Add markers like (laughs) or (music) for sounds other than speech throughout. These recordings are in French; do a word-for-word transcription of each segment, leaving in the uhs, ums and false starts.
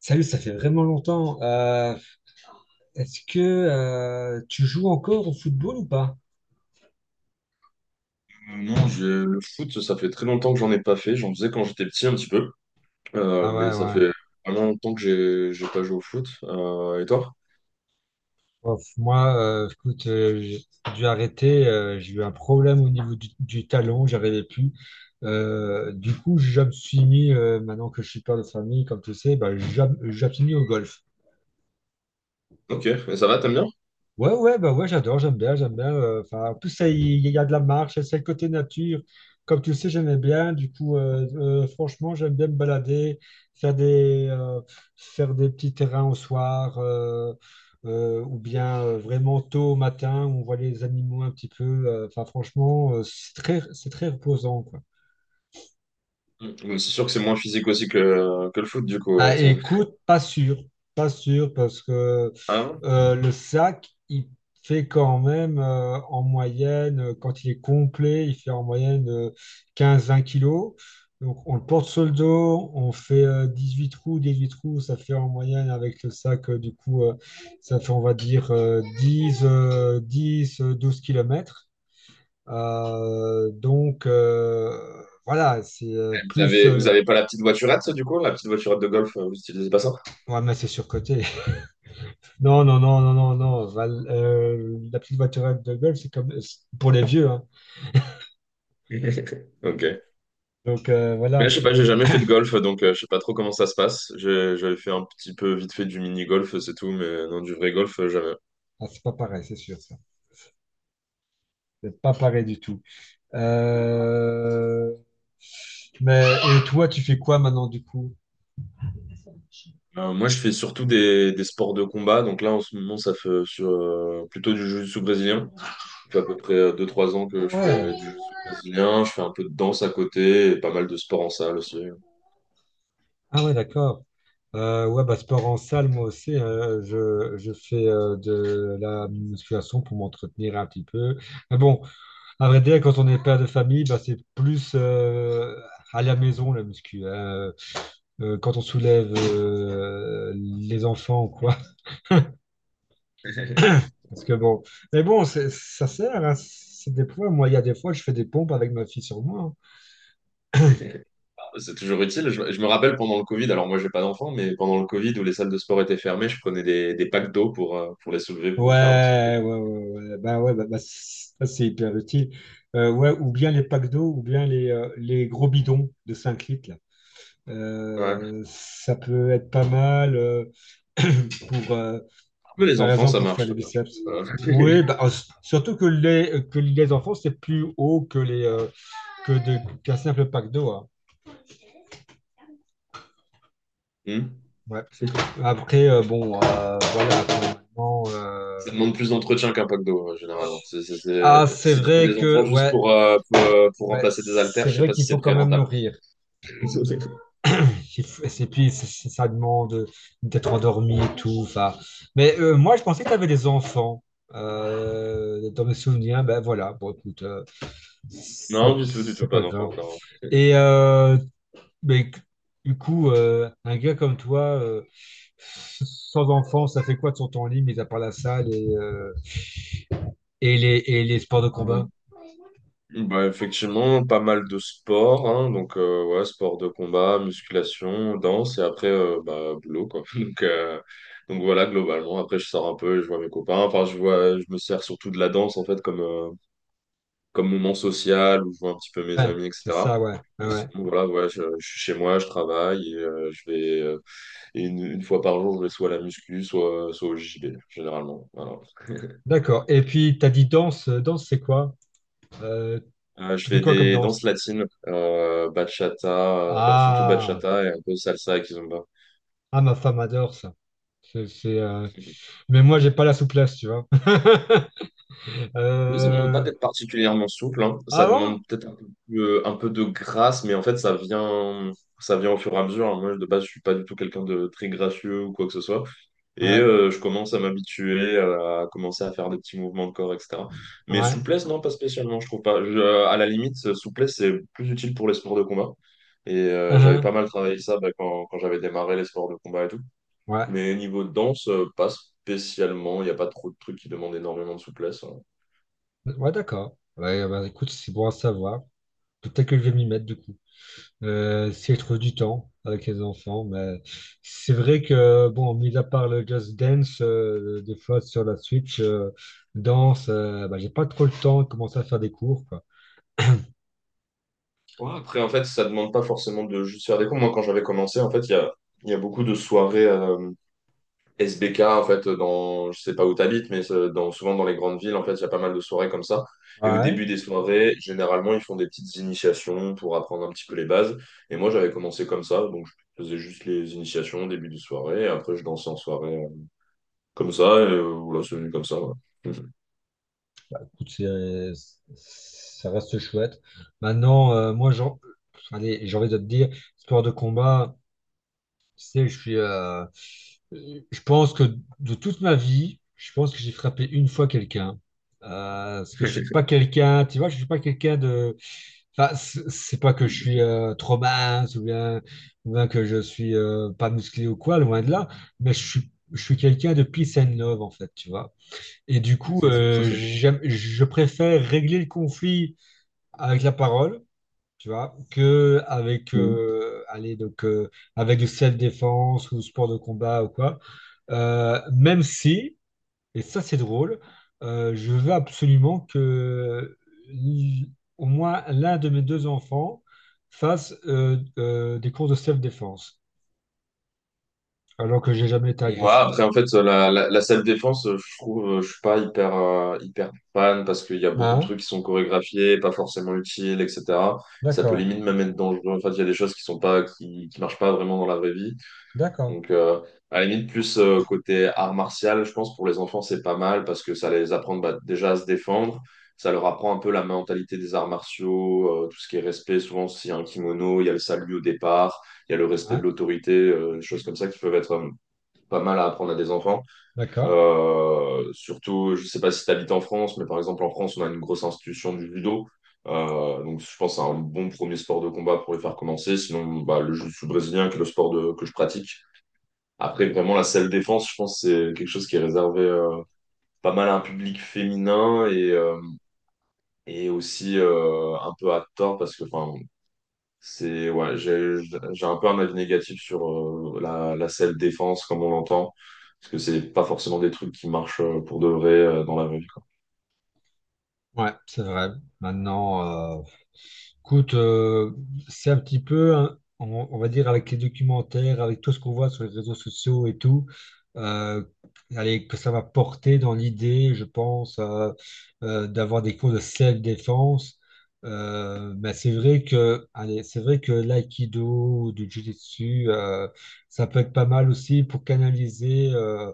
Salut, ça fait vraiment longtemps. Euh, est-ce que euh, tu joues encore au football ou pas? Euh, Non, je- le foot, ça fait très longtemps que j'en ai pas fait. J'en faisais quand j'étais petit un petit peu. Ah Euh, mais ouais, ça ouais. fait vraiment longtemps que j'ai j'ai pas joué au foot. Euh, et toi? Ouf, moi, euh, écoute, euh, j'ai dû arrêter. Euh, j'ai eu un problème au niveau du, du talon, j'arrivais plus. Euh, du coup, je me suis mis, euh, maintenant que je suis père de famille, comme tu sais, bah, je, je me suis mis au golf. Ok, mais ça va, t'aimes bien? Ouais, ouais, bah ouais, j'adore, j'aime bien, j'aime bien. euh, Enfin, en plus, ça, il il y a de la marche, c'est le côté nature. Comme tu le sais, j'aimais bien. Du coup, euh, euh, franchement, j'aime bien me balader, faire des, euh, faire des petits terrains au soir, euh, euh, ou bien euh, vraiment tôt au matin, où on voit les animaux un petit peu. euh, Enfin, franchement, euh, c'est très, c'est très reposant, quoi. Mm. Mais c'est sûr que c'est moins physique aussi que, que le foot, du coup. euh, Bah Tiens. écoute, pas sûr, pas sûr parce que Ah, ouais. euh, le sac, il fait quand même euh, en moyenne, euh, quand il est complet, il fait en moyenne euh, quinze vingt kilos. Donc on le porte sur le dos, on fait euh, huit trous, dix huit trous, ça fait en moyenne avec le sac, euh, du coup, euh, ça fait on va dire euh, dix euh, dix, euh, douze kilomètres. Euh, donc euh, voilà, c'est euh, Et vous plus avez, euh, vous avez pas la petite voiturette, du coup? La petite voiturette de golf, euh, vous utilisez pas ça? ouais, mais c'est surcoté. Non, non, non, non, non, non. Val- euh, la petite voiturette de golf, c'est comme c'est pour les vieux, hein. (laughs) Ok. Donc euh, Mais voilà. je sais pas, j'ai jamais fait de golf, donc euh, je sais pas trop comment ça se passe. J'ai- J'avais fait un petit peu vite fait du mini-golf, c'est tout, mais non, du vrai golf, euh, jamais. Ah, c'est pas pareil, c'est sûr, ça. C'est pas pareil du tout. Euh, Mais et toi, tu fais quoi maintenant du coup? Euh, moi, je fais surtout des, des sports de combat. Donc là, en ce moment, ça fait sur, euh, plutôt du jiu-jitsu brésilien. Ça fait à peu près euh, deux trois ans que Ah je ouais, fais du jiu-jitsu brésilien. Je fais un peu de danse à côté et pas mal de sport en salle aussi. ah ouais, d'accord. Euh, ouais, bah sport en salle, moi aussi, hein. je, je fais euh, de la musculation pour m'entretenir un petit peu. Mais bon, à vrai dire, quand on est père de famille, bah, c'est plus euh, à la maison la muscu, hein. Euh, quand on soulève euh, les enfants ou quoi. (laughs) (laughs) Parce que bon, mais bon, c'est- ça sert, hein, c'est des poids. Moi, il y a des fois, je fais des pompes avec ma fille sur moi, hein. C'est toujours utile. Je, je me rappelle pendant le Covid, alors moi, j'ai pas d'enfant, mais pendant le Covid où les salles de sport étaient fermées, je prenais des, des packs d'eau pour, euh, pour les soulever, pour me faire un petit peu des... Ouais, ouais, ouais, ouais. Bah ouais, bah, bah, c'est- ça c'est hyper utile. Euh, ouais, ou bien les packs d'eau, ou bien les, euh, les gros bidons de cinq litres, là. Ouais. Euh, ça peut être pas mal euh, (clears throat) pour, euh, Mais les par enfants, exemple, ça pour faire marche les très bien, je biceps. pense. Euh, Oui, bah, euh, surtout que les, que les enfants, c'est plus haut que les, euh, que de qu'un simple pack d'eau, hein. (laughs) Hmm. Ouais. Après, euh, bon, euh, voilà. Après, maintenant, euh, Ça demande plus d'entretien qu'un pack d'eau, euh, généralement. C'est- c'est- c'est- ah, c'est Si tu fais vrai des que, enfants juste ouais, pour, euh, pour, euh, pour ouais, remplacer des haltères, c'est je sais vrai pas si qu'il c'est faut quand très même rentable. nourrir. (laughs) Il faut- Et puis, c- c- ça demande d'être endormi et tout. Enfin, mais euh, moi, je pensais que tu avais des enfants. Euh, dans mes souvenirs, ben voilà, bon, écoute, euh, c'est Non, du tout, du tout, c'est pas pas d'enfants grave. encore. Et euh, Mais c- du coup, euh, un gars comme toi, euh, sans enfant, ça fait quoi de son temps libre, mis à part la salle et, euh, et les, et les sports de Euh, combat? Bah, effectivement, pas mal de sports, hein, donc euh, ouais, sport de combat, musculation, danse, et après, euh, bah, boulot, quoi. (laughs) Donc, euh, donc voilà, globalement, après, je sors un peu, et je vois mes copains, enfin, je vois, je me sers surtout de la danse, en fait, comme, euh, comme moment social où je vois un petit peu mes Ouais, amis, c'est et cetera. ça, ouais, ouais, Mais ouais. sinon, voilà, ouais, je, je suis chez moi, je travaille et euh, je vais euh, et une, une fois par jour, je vais soit à la muscu, soit, soit au J B, généralement. Voilà. (laughs) D'accord. Et puis, t'as dit danse. euh, Danse, c'est quoi? Euh, Euh, je Tu fais fais quoi comme des danses danse? latines, euh, bachata, euh, ba- surtout Ah, bachata et un peu salsa et kizomba. ah, ma femme adore ça. C'est, c'est, euh, Mais moi, j'ai pas la souplesse, tu vois. (laughs) Oui, ça ne demande pas Euh, d'être particulièrement souple, hein. Ça Ah demande bon? peut-être un peu, euh, un peu de grâce, mais en fait, ça vient, ça vient au fur et à mesure, hein. Moi, de base, je suis pas du tout quelqu'un de très gracieux ou quoi que ce soit. Et Ouais, euh, je commence à m'habituer, à, à commencer à faire des petits mouvements de corps, et cetera. Mais ouais. souplesse, non, pas spécialement, je trouve pas. Je- à la limite, euh, souplesse, c'est plus utile pour les sports de combat. Et euh, j'avais pas Uhum. mal travaillé ça, bah, quand, quand j'avais démarré les sports de combat et tout. Ouais, Mais niveau danse, euh, pas spécialement. Il n'y a pas trop de trucs qui demandent énormément de souplesse, hein. ouais, d'accord. Ouais, bah, écoute, c'est bon à savoir. Peut-être que je vais m'y mettre du coup. Euh, si je trouve du temps avec les enfants, mais c'est vrai que, bon, mis à part le Just Dance, euh, des fois sur la Switch, euh, danse, euh, bah, j'ai pas trop le temps de commencer à faire des cours, quoi. Ouais, après, en fait, ça demande pas forcément de juste faire des cours. Moi, quand j'avais commencé, en fait, il y a, il y a beaucoup de soirées. euh, S B K, en fait, dans, je sais pas où t'habites, mais euh, dans, souvent dans les grandes villes, en fait, il y a pas mal de soirées comme ça. Et au Ouais. début des soirées, généralement, ils font des petites initiations pour apprendre un petit peu les bases. Et moi, j'avais commencé comme ça, donc je faisais juste les initiations au début de soirée, et après, je dansais en soirée euh, comme ça, et euh, voilà, c'est venu comme ça, ouais. Écoute, c'est- ça reste chouette. Maintenant, euh, moi, j'en- allez, j'ai envie de te dire, sport de combat. Tu sais, je suis, euh, je pense que de toute ma vie, je pense que j'ai frappé une fois quelqu'un. Euh, Parce que je suis pas (laughs) quelqu'un, tu vois, je suis pas quelqu'un de. Enfin, c- c'est pas que je suis euh, trop mince ou bien, ou bien que je suis euh, pas musclé ou quoi, loin de là. Mais je suis, je suis quelqu'un de peace and love en fait, tu vois. Et du coup, (laughs) Trop euh, j'aime- je préfère régler le conflit avec la parole, tu vois, que avec, chouette. euh, allez, donc, euh, avec du self-défense ou sport de combat ou quoi. Euh, même si, et ça c'est drôle, euh, je veux absolument que l- au moins l'un de mes deux enfants fasse euh, euh, des cours de self-défense, alors que j'ai jamais été Et agressif. voilà, après, en fait, la, la, la salle défense, euh, je trouve, euh, je suis pas hyper, euh, hyper fan parce qu'il y a beaucoup de Hein? trucs qui sont chorégraphiés, pas forcément utiles, et cetera. Ça peut D'accord, limite même être dangereux. En fait, il y a des choses qui sont pas, qui, qui marchent pas vraiment dans la vraie vie. d'accord. Donc, euh, à la limite, plus euh, côté art martial, je pense, pour les enfants, c'est pas mal parce que ça les apprend, bah, déjà à se défendre. Ça leur apprend un peu la mentalité des arts martiaux, euh, tout ce qui est respect. Souvent, s'il y a un kimono, il y a le salut au départ, il y a le respect de Ouais, l'autorité, euh, des choses comme ça qui peuvent être, euh, pas mal à apprendre à des enfants. d'accord. Euh, surtout, je sais pas si tu habites en France, mais par exemple en France, on a une grosse institution du judo. Euh, donc je pense que c'est un bon premier sport de combat pour les faire commencer. Sinon, bah, le jiu-jitsu brésilien, qui est le sport de- que je pratique. Après, vraiment, la self-défense, je pense que c'est quelque chose qui est réservé euh, pas mal à un public féminin et, euh, et aussi euh, un peu à tort parce que, enfin, c'est ouais, j'ai j'ai un peu un avis négatif sur euh, la, la selle défense comme on l'entend, parce que c'est pas forcément des trucs qui marchent euh, pour de vrai euh, dans la vraie vie, quoi. Ouais, c'est vrai. Maintenant, euh, écoute, euh, c'est un petit peu, hein, on, on va dire, avec les documentaires, avec tout ce qu'on voit sur les réseaux sociaux et tout, euh, allez, que ça va porter dans l'idée, je pense, euh, euh, d'avoir des cours de self-défense. Euh, mais c'est vrai que, allez, c'est vrai que l'aïkido, ou du jiu-jitsu, euh, ça peut être pas mal aussi pour canaliser, euh,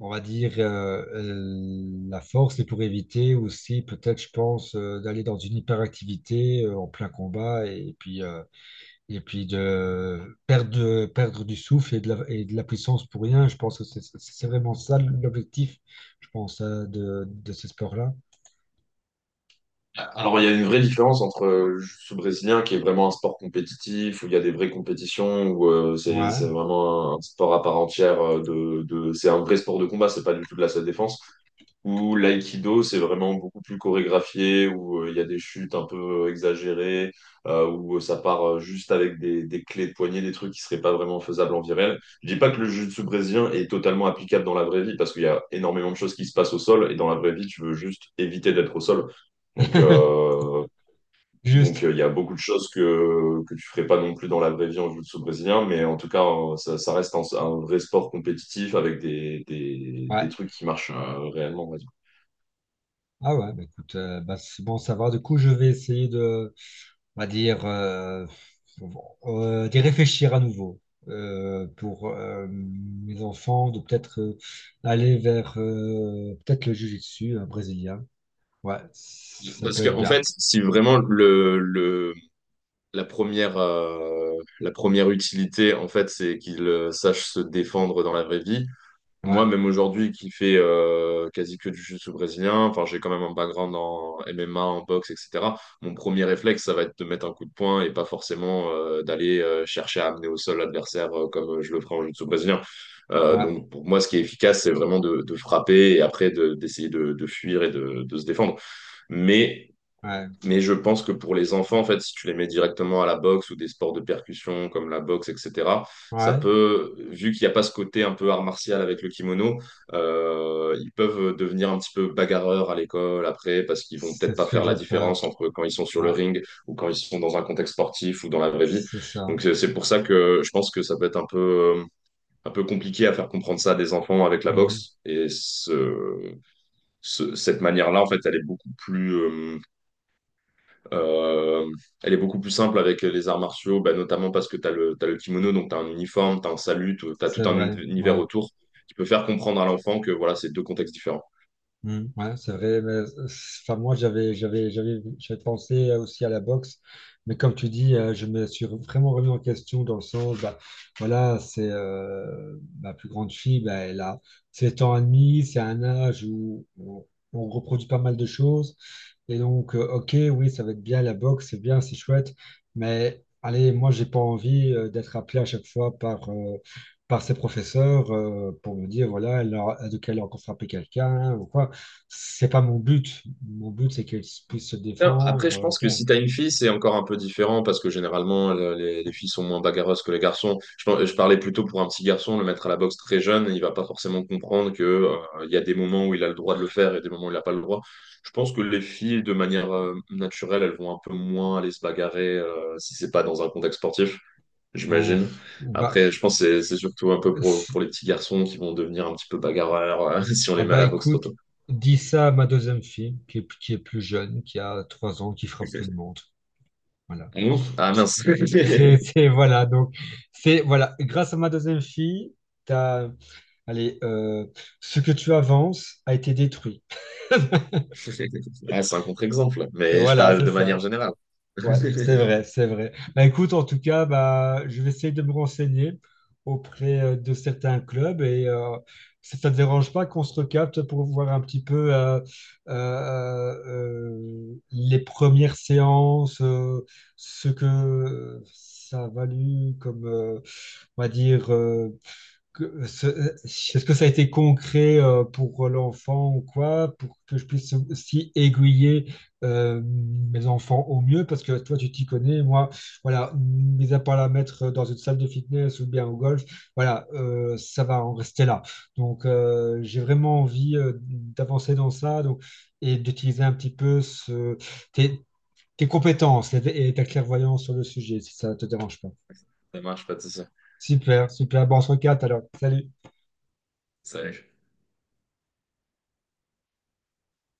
on va dire, euh, euh, la force, et pour éviter aussi, peut-être, je pense, euh, d'aller dans une hyperactivité euh, en plein combat et puis, euh, et puis de perdre, de- perdre du souffle et de la, et de la puissance pour rien. Je pense que c'est c'est c'est vraiment ça l'objectif, je pense, euh, de, de ces sports là. Alors il y a une vraie différence entre euh, le jiu-jitsu brésilien qui est vraiment un sport compétitif où il y a des vraies compétitions où euh, c'est c'est Ouais. vraiment un, un sport à part entière euh, de de c'est un vrai sport de combat, c'est pas du tout de la selle défense. Ou l'aïkido, c'est vraiment beaucoup plus chorégraphié, où euh, il y a des chutes un peu euh, exagérées, euh, où euh, ça part euh, juste avec des, des clés de poignet, des trucs qui seraient pas vraiment faisables en vie réelle. Je dis pas que le jiu-jitsu brésilien est totalement applicable dans la vraie vie, parce qu'il y a énormément de choses qui se passent au sol, et dans la vraie vie, tu veux juste éviter d'être au sol. Donc, (laughs) euh, donc euh, Juste. il y a beaucoup de choses que, que tu ferais pas non plus dans la vraie vie en jiu-jitsu brésilien, mais en tout cas, euh, ça, ça reste un, un vrai sport compétitif avec des, des, Ouais. des trucs qui marchent euh, réellement, ouais. Ah ouais, bah écoute, euh, bah c'est bon, ça va. Du coup, je vais essayer de, on va dire, euh, euh, d'y réfléchir à nouveau euh, pour euh, mes enfants, de peut-être euh, aller vers euh, peut-être le jiu-jitsu euh, brésilien. Ouais, ça Parce peut que, être en bien. fait, si vraiment le, le, la première, euh, la première utilité, en fait, c'est qu'il euh, sache se défendre dans la vraie vie. Moi, Ouais, même aujourd'hui, qui fait euh, quasi que du jiu-jitsu brésilien, enfin, j'ai quand même un background en M M A, en boxe, et cetera. Mon premier réflexe, ça va être de mettre un coup de poing et pas forcément euh, d'aller euh, chercher à amener au sol l'adversaire euh, comme je le ferai en jiu-jitsu brésilien. Euh, ouais, Donc, pour moi, ce qui est efficace, c'est vraiment de, de frapper et après de- d'essayer de, de fuir et de, de se défendre. Mais ouais, mais je pense que pour les enfants, en fait, si tu les mets directement à la boxe ou des sports de percussion comme la boxe, et cetera, ça ouais. peut, vu qu'il n'y a pas ce côté un peu art martial avec le kimono, euh, ils peuvent devenir un petit peu bagarreurs à l'école après parce qu'ils vont C'est peut-être pas ce que faire la j'ai peur. différence entre quand ils sont sur le Ouais, ring ou quand ils sont dans un contexte sportif ou dans la vraie vie. c'est ça. Donc c'est c'est pour ça que je pense que ça peut être un peu, euh, un peu compliqué à faire comprendre ça à des enfants avec la Mhm. boxe et ce, ce- cette manière-là, en fait, elle est beaucoup plus euh, euh, elle est beaucoup plus simple avec les arts martiaux, bah, notamment parce que tu as le, t'as le kimono, donc tu as un uniforme, tu as un salut, tu as tout C'est un vrai. uni- univers Ouais. autour qui peut faire comprendre à l'enfant que voilà, c'est deux contextes différents. Mm, ouais, c'est vrai. Mais, euh, enfin, moi, j'avais, j'avais, j'avais, j'avais pensé euh, aussi à la boxe, mais comme tu dis, euh, je me suis vraiment remis en question dans le sens, bah, voilà, c'est euh, ma plus grande fille, bah, elle a sept ans et demi, c'est un âge où on, on reproduit pas mal de choses. Et donc, euh, ok, oui, ça va être bien la boxe, c'est bien, c'est chouette, mais allez, moi, j'ai pas envie euh, d'être appelé à chaque fois par, euh, par ses professeurs euh, pour me dire, voilà, elle a, de quel elle a encore frappé quelqu'un ou quoi. C'est pas mon but. Mon but, c'est qu'ils puissent se Alors, après, défendre, je euh, pense que bon. si tu as une fille, c'est encore un peu différent parce que généralement, le- les, les filles sont moins bagarreuses que les garçons. Je, par- je parlais plutôt pour un petit garçon, le mettre à la boxe très jeune, il va pas forcément comprendre que, euh, il y a des moments où il a le droit de le faire et des moments où il n'a pas le droit. Je pense que les filles, de manière euh, naturelle, elles vont un peu moins aller se bagarrer euh, si c'est pas dans un contexte sportif, Ou- j'imagine. Bah, Après, je pense que c'est c'est surtout un peu pour, c'est- pour les petits garçons qui vont devenir un petit peu bagarreurs euh, (laughs) si on les ah met à bah la boxe trop écoute, tôt. dis ça à ma deuxième fille, qui est, qui est plus jeune, qui a trois ans, qui frappe tout le monde. (laughs) Voilà. Ah non? Ah mince. (laughs) C'est, (laughs) c'est- voilà, donc, c'est, voilà, grâce à ma deuxième fille, t'as, allez, euh, ce que tu avances a été détruit. Ah, c'est un contre-exemple, mais je Voilà, parle c'est de ça. manière générale. Ouais, c'est vrai, (laughs) c'est vrai. Bah, écoute, en tout cas, bah, je vais essayer de me renseigner auprès euh, de certains clubs et euh, si ça ne te dérange pas qu'on se recapte pour voir un petit peu euh, euh, euh, les premières séances, euh, ce que ça a valu comme, euh, on va dire, euh, que euh, ce- euh, est-ce que ça a été concret euh, pour l'enfant ou quoi, pour que je puisse aussi aiguiller euh, mes enfants au mieux, parce que toi, tu t'y connais, moi, voilà, mis à part la mettre dans une salle de fitness ou bien au golf, voilà, euh, ça va en rester là. Donc, euh, j'ai vraiment envie euh, d'avancer dans ça donc, et d'utiliser un petit peu ce- tes, tes compétences et, et ta clairvoyance sur le sujet, si ça te dérange pas. Ça marche pas, tout ça. Super, super. Bon, on se recapte alors. Salut. Salut.